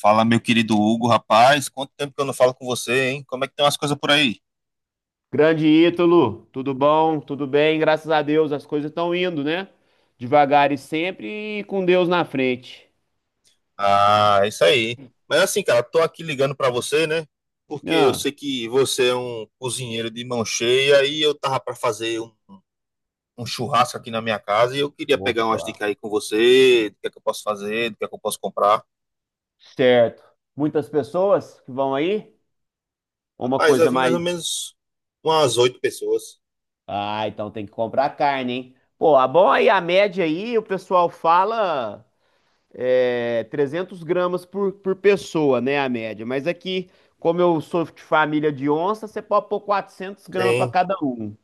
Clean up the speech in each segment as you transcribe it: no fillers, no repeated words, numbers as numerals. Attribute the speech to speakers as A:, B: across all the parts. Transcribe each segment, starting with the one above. A: Fala, meu querido Hugo, rapaz, quanto tempo que eu não falo com você, hein? Como é que tem umas coisas por aí?
B: Grande Ítalo, tudo bom? Tudo bem? Graças a Deus, as coisas estão indo, né? Devagar e sempre e com Deus na frente.
A: Ah, é isso aí. Mas assim, cara, tô aqui ligando pra você, né? Porque eu
B: Ah,
A: sei que você é um cozinheiro de mão cheia e eu tava pra fazer um churrasco aqui na minha casa e eu queria pegar umas
B: Opa.
A: dicas aí com você, do que é que eu posso fazer, do que é que eu posso comprar.
B: Certo. Muitas pessoas que vão aí? Ou uma
A: Rapaz, vai
B: coisa
A: vir mais ou
B: mais.
A: menos umas oito pessoas.
B: Ah, então tem que comprar carne, hein? Pô, a bom aí, a média aí, o pessoal fala 300 gramas por pessoa, né? A média. Mas aqui, como eu sou de família de onça, você pode pôr 400 gramas para
A: Sim.
B: cada um.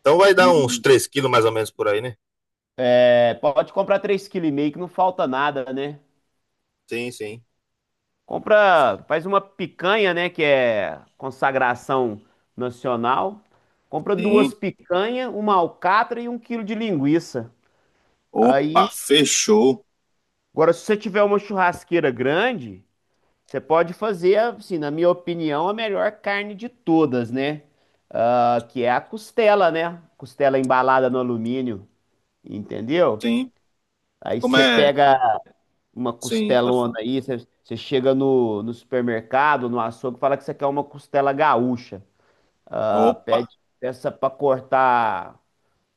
A: Então vai dar uns
B: e
A: três quilos mais ou menos por aí, né?
B: É, pode comprar 3,5 kg que não falta nada, né?
A: Sim, sim.
B: Compra, faz uma picanha, né, que é consagração nacional. Compra
A: Sim.
B: duas picanhas, uma alcatra e 1 kg de linguiça. Aí,
A: Opa, fechou.
B: agora, se você tiver uma churrasqueira grande, você pode fazer, assim, na minha opinião, a melhor carne de todas, né? Ah, que é a costela, né? Costela embalada no alumínio, entendeu?
A: Sim.
B: Aí
A: Como
B: você
A: é?
B: pega uma
A: Sim, pode
B: costelona
A: falar.
B: aí, você chega no supermercado, no açougue, fala que você quer uma costela gaúcha. Ah,
A: Opa,
B: pede peça para cortar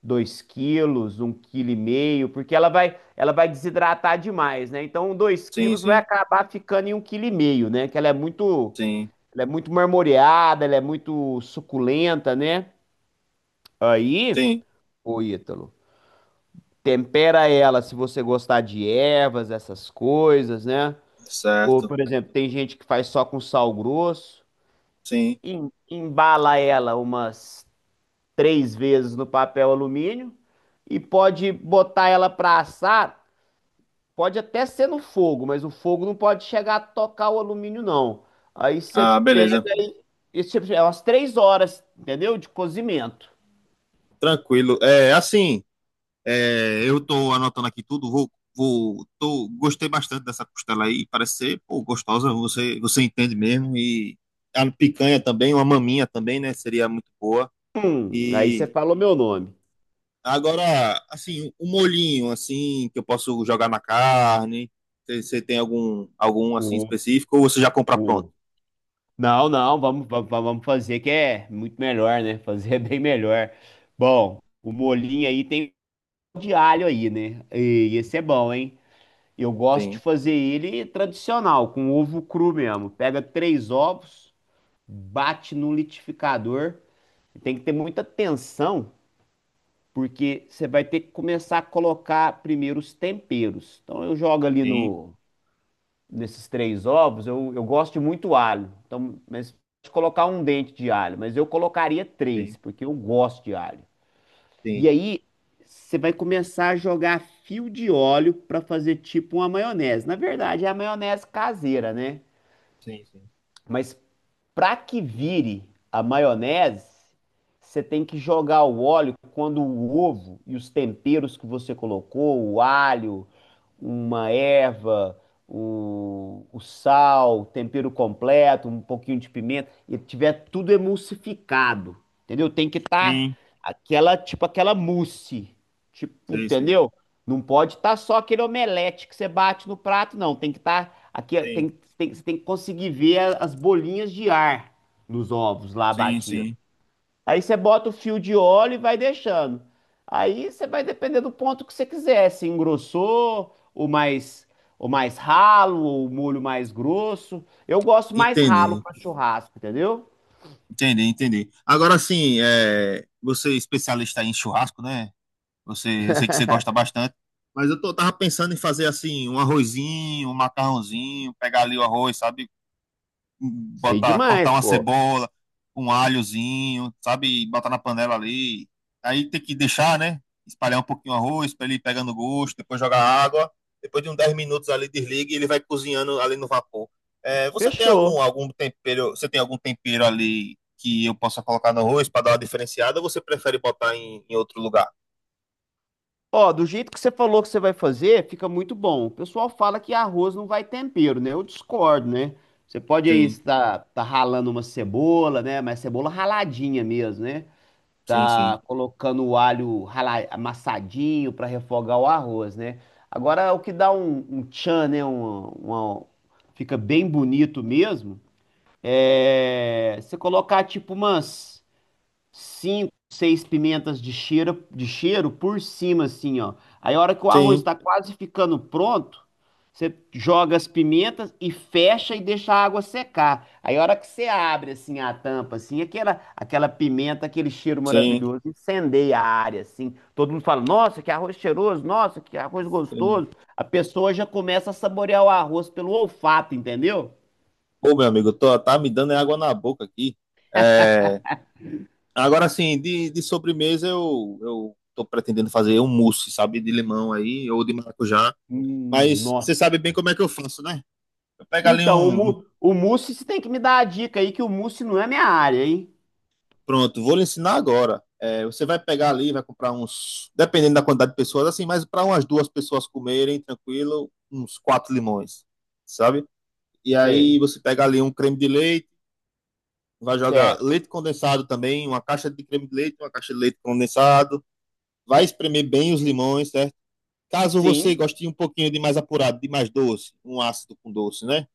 B: 2 kg, 1,5 kg, porque ela vai desidratar demais, né? Então dois
A: sim,
B: quilos vai
A: sim,
B: acabar ficando em 1,5 kg, né? Que ela é muito,
A: sim,
B: ela é muito marmoreada, ela é muito suculenta, né? Aí,
A: sim,
B: ô Ítalo, tempera ela se você gostar de ervas, essas coisas, né? Ou,
A: certo,
B: por exemplo, tem gente que faz só com sal grosso,
A: sim.
B: embala ela umas três vezes no papel alumínio e pode botar ela para assar. Pode até ser no fogo, mas o fogo não pode chegar a tocar o alumínio, não. Aí você
A: Ah,
B: pega
A: beleza,
B: e você, é umas 3 horas, entendeu? De cozimento.
A: tranquilo. É, assim, é, eu tô anotando aqui tudo, tô, gostei bastante dessa costela aí, parece ser, pô, gostosa, você entende mesmo, e a picanha também, uma maminha também, né, seria muito boa.
B: Aí você
A: E
B: falou meu nome.
A: agora, assim, um molhinho, assim, que eu posso jogar na carne, você tem algum, algum, assim, específico, ou você já compra pronto?
B: O, não, não, vamos, vamos fazer que é muito melhor, né? Fazer é bem melhor. Bom, o molinho aí tem de alho aí, né? E esse é bom, hein? Eu gosto de
A: Tem,
B: fazer ele tradicional, com ovo cru mesmo. Pega três ovos, bate no liquidificador. Tem que ter muita atenção, porque você vai ter que começar a colocar primeiro os temperos. Então eu jogo ali
A: tem.
B: no nesses três ovos, eu gosto de muito alho. Então, mas pode colocar um dente de alho, mas eu colocaria
A: Sim,
B: três, porque eu gosto de alho. E
A: sim,
B: aí, você vai começar a jogar fio de óleo para fazer tipo uma maionese. Na verdade, é a maionese caseira, né?
A: sim, sim.
B: Mas para que vire a maionese, você tem que jogar o óleo quando o ovo e os temperos que você colocou, o alho, uma erva, o sal, o tempero completo, um pouquinho de pimenta, e tiver tudo emulsificado, entendeu? Tem que estar
A: Sim,
B: aquela, tipo aquela mousse, tipo,
A: sim sei.
B: entendeu? Não pode estar só aquele omelete que você bate no prato, não. Tem que estar aqui,
A: Sim,
B: você tem que conseguir ver as bolinhas de ar nos ovos lá
A: sim,
B: batidos.
A: sim.
B: Aí você bota o fio de óleo e vai deixando. Aí você vai depender do ponto que você quiser, se engrossou, o mais ralo, ou o molho mais grosso. Eu gosto mais ralo
A: Entendi,
B: para churrasco, entendeu?
A: entendi, entendi. Agora sim, é, você é especialista em churrasco, né? Você, eu sei que você gosta bastante, mas eu tô, tava pensando em fazer assim, um arrozinho, um macarrãozinho, pegar ali o arroz, sabe?
B: Sei
A: Botar, cortar
B: demais,
A: uma
B: pô.
A: cebola, um alhozinho, sabe? E botar na panela ali. Aí tem que deixar, né? Espalhar um pouquinho o arroz para ele ir pegando gosto, depois jogar água. Depois de uns 10 minutos ali desliga e ele vai cozinhando ali no vapor. É, você tem algum,
B: Fechou.
A: algum tempero, você tem algum tempero ali que eu possa colocar no arroz para dar uma diferenciada ou você prefere botar em, em outro lugar?
B: Ó, do jeito que você falou que você vai fazer, fica muito bom. O pessoal fala que arroz não vai tempero, né? Eu discordo, né? Você pode aí
A: Sim,
B: estar tá ralando uma cebola, né? Mas cebola raladinha mesmo, né?
A: sim, sim.
B: Tá colocando o alho amassadinho para refogar o arroz, né? Agora, o que dá um tchan, né? Fica bem bonito mesmo. É você colocar tipo umas cinco, seis pimentas de cheiro por cima, assim, ó. Aí a hora que o arroz
A: Sim,
B: está quase ficando pronto, você joga as pimentas e fecha e deixa a água secar. Aí a hora que você abre, assim, a tampa, assim, aquela pimenta, aquele cheiro
A: sim,
B: maravilhoso, incendeia a área, assim. Todo mundo fala, nossa, que arroz cheiroso, nossa, que arroz
A: sim.
B: gostoso. A pessoa já começa a saborear o arroz pelo olfato, entendeu?
A: Pô, meu amigo, tô, tá me dando água na boca aqui. Agora, assim, de sobremesa eu tô pretendendo fazer um mousse, sabe? De limão aí, ou de maracujá. Mas
B: Nossa.
A: você sabe bem como é que eu faço, né? Eu pego ali
B: Então,
A: um. Um-
B: O mousse, você tem que me dar a dica aí que o mousse não é minha área, hein?
A: Pronto, vou lhe ensinar agora. É, você vai pegar ali, vai comprar uns. Dependendo da quantidade de pessoas, assim, mas para umas duas pessoas comerem, tranquilo, uns quatro limões, sabe? E aí
B: Sei.
A: você pega ali um creme de leite, vai jogar
B: Certo.
A: leite condensado também, uma caixa de creme de leite, uma caixa de leite condensado. Vai espremer bem os limões, certo? Caso você
B: Sim,
A: goste de um pouquinho de mais apurado, de mais doce, um ácido com doce, né?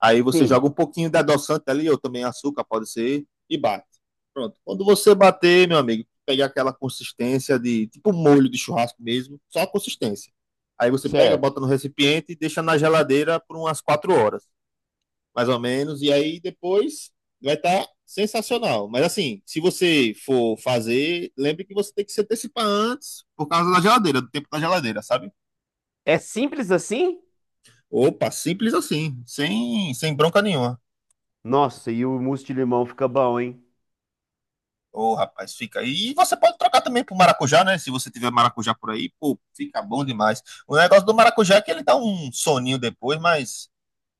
A: Aí você joga
B: sim,
A: um pouquinho de adoçante ali, ou também açúcar, pode ser, e bate. Pronto. Quando você bater, meu amigo, pegar aquela consistência de tipo um molho de churrasco mesmo, só a consistência. Aí você pega,
B: certo.
A: bota no recipiente e deixa na geladeira por umas quatro horas, mais ou menos, e aí depois vai estar sensacional. Mas assim, se você for fazer, lembre que você tem que se antecipar antes por causa da geladeira, do tempo da geladeira, sabe?
B: É simples assim?
A: Opa, simples assim, sem, sem bronca nenhuma.
B: Nossa, e o mousse de limão fica bom, hein?
A: Ô, rapaz, fica aí. E você pode trocar também pro maracujá, né? Se você tiver maracujá por aí, pô, fica bom demais. O negócio do maracujá é que ele dá um soninho depois,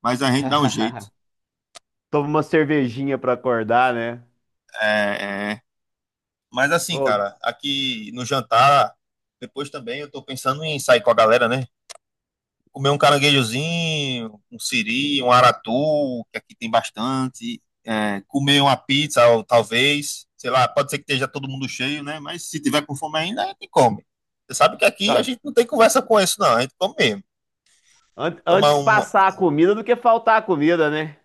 A: mas a gente dá um jeito.
B: Toma uma cervejinha pra acordar, né?
A: É, é. Mas assim,
B: Ô,
A: cara, aqui no jantar, depois também eu tô pensando em sair com a galera, né? Comer um caranguejozinho, um siri, um aratu, que aqui tem bastante. É, comer uma pizza, ou talvez. Sei lá, pode ser que esteja todo mundo cheio, né? Mas se tiver com fome ainda, a gente come. Você sabe que aqui a
B: ah,
A: gente não tem conversa com isso, não. A gente come mesmo. Tomar
B: antes
A: uma.
B: passar a comida do que faltar a comida, né?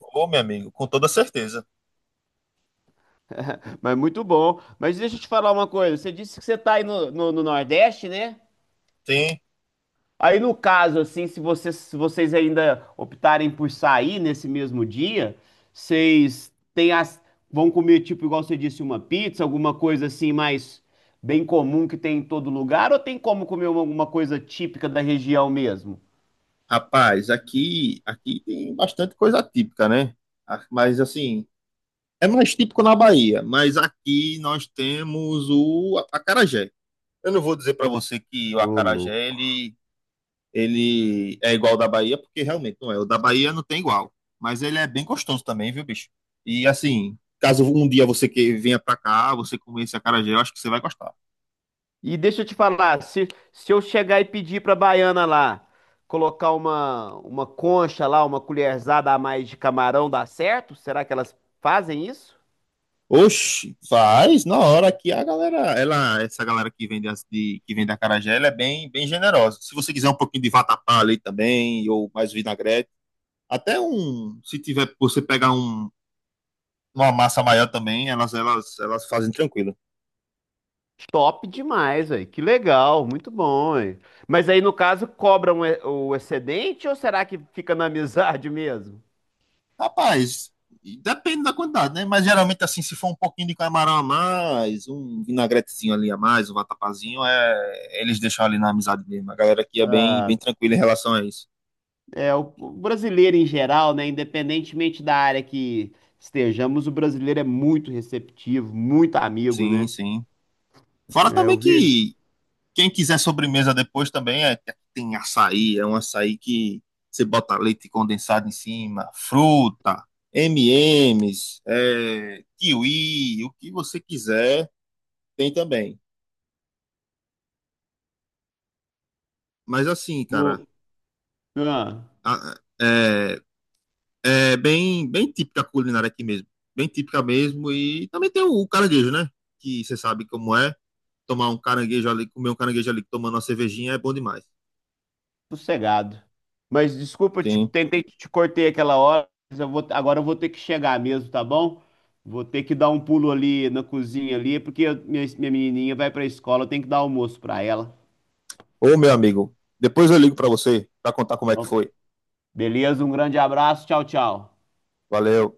A: Ô, meu amigo, com toda certeza.
B: Mas muito bom. Mas deixa eu te falar uma coisa. Você disse que você tá aí no Nordeste, né?
A: Tem.
B: Aí no caso, assim, se vocês ainda optarem por sair nesse mesmo dia, vocês têm as, vão comer, tipo, igual você disse, uma pizza, alguma coisa assim mais bem comum que tem em todo lugar, ou tem como comer alguma coisa típica da região mesmo?
A: Rapaz, aqui tem bastante coisa típica, né? Ah, mas assim, é mais típico na Bahia. Mas aqui nós temos o acarajé. Eu não vou dizer para você que o
B: Ô,
A: acarajé
B: louco.
A: ele, Ele é igual ao da Bahia, porque realmente não é. O da Bahia não tem igual. Mas ele é bem gostoso também, viu, bicho? E assim, caso um dia você que venha para cá, você comer esse acarajé, eu acho que você vai gostar.
B: E deixa eu te falar, se eu chegar e pedir pra baiana lá, colocar uma concha lá, uma colherzada a mais de camarão, dá certo? Será que elas fazem isso?
A: Oxi, faz na hora que a galera, ela, essa galera que vende acarajé, ela é bem, bem generosa. Se você quiser um pouquinho de vatapá ali também, ou mais vinagrete, até um, se tiver, você pegar um, uma massa maior também, elas fazem tranquilo.
B: Top demais, aí, que legal, muito bom, hein? Mas aí, no caso, cobram o excedente ou será que fica na amizade mesmo?
A: Rapaz, depende da quantidade, né? Mas geralmente, assim, se for um pouquinho de camarão a mais, um vinagretezinho ali a mais, um vatapazinho, é... eles deixam ali na amizade mesmo. A galera aqui é bem,
B: Ah,
A: bem tranquila em relação a isso.
B: é, o brasileiro em geral, né? Independentemente da área que estejamos, o brasileiro é muito receptivo, muito amigo,
A: Sim,
B: né?
A: sim. Fora
B: É,
A: também
B: eu vi.
A: que quem quiser sobremesa depois também é... tem açaí, é um açaí que você bota leite condensado em cima, fruta, M&M's, é... kiwi, o que você quiser, tem também. Mas assim, cara,
B: o- ah.
A: a- é, é bem, bem típica a culinária aqui mesmo. Bem típica mesmo. E também tem o caranguejo, né? Que você sabe como é. Tomar um caranguejo ali, comer um caranguejo ali tomando uma cervejinha é bom demais.
B: Sossegado. Mas desculpa,
A: Sim.
B: tentei te cortei aquela hora, mas agora eu vou ter que chegar mesmo, tá bom? Vou ter que dar um pulo ali na cozinha ali, porque minha menininha vai pra escola, eu tenho que dar almoço pra ela.
A: Ô, meu amigo, depois eu ligo pra você pra contar como é que
B: Então,
A: foi.
B: beleza, um grande abraço, tchau, tchau.
A: Valeu.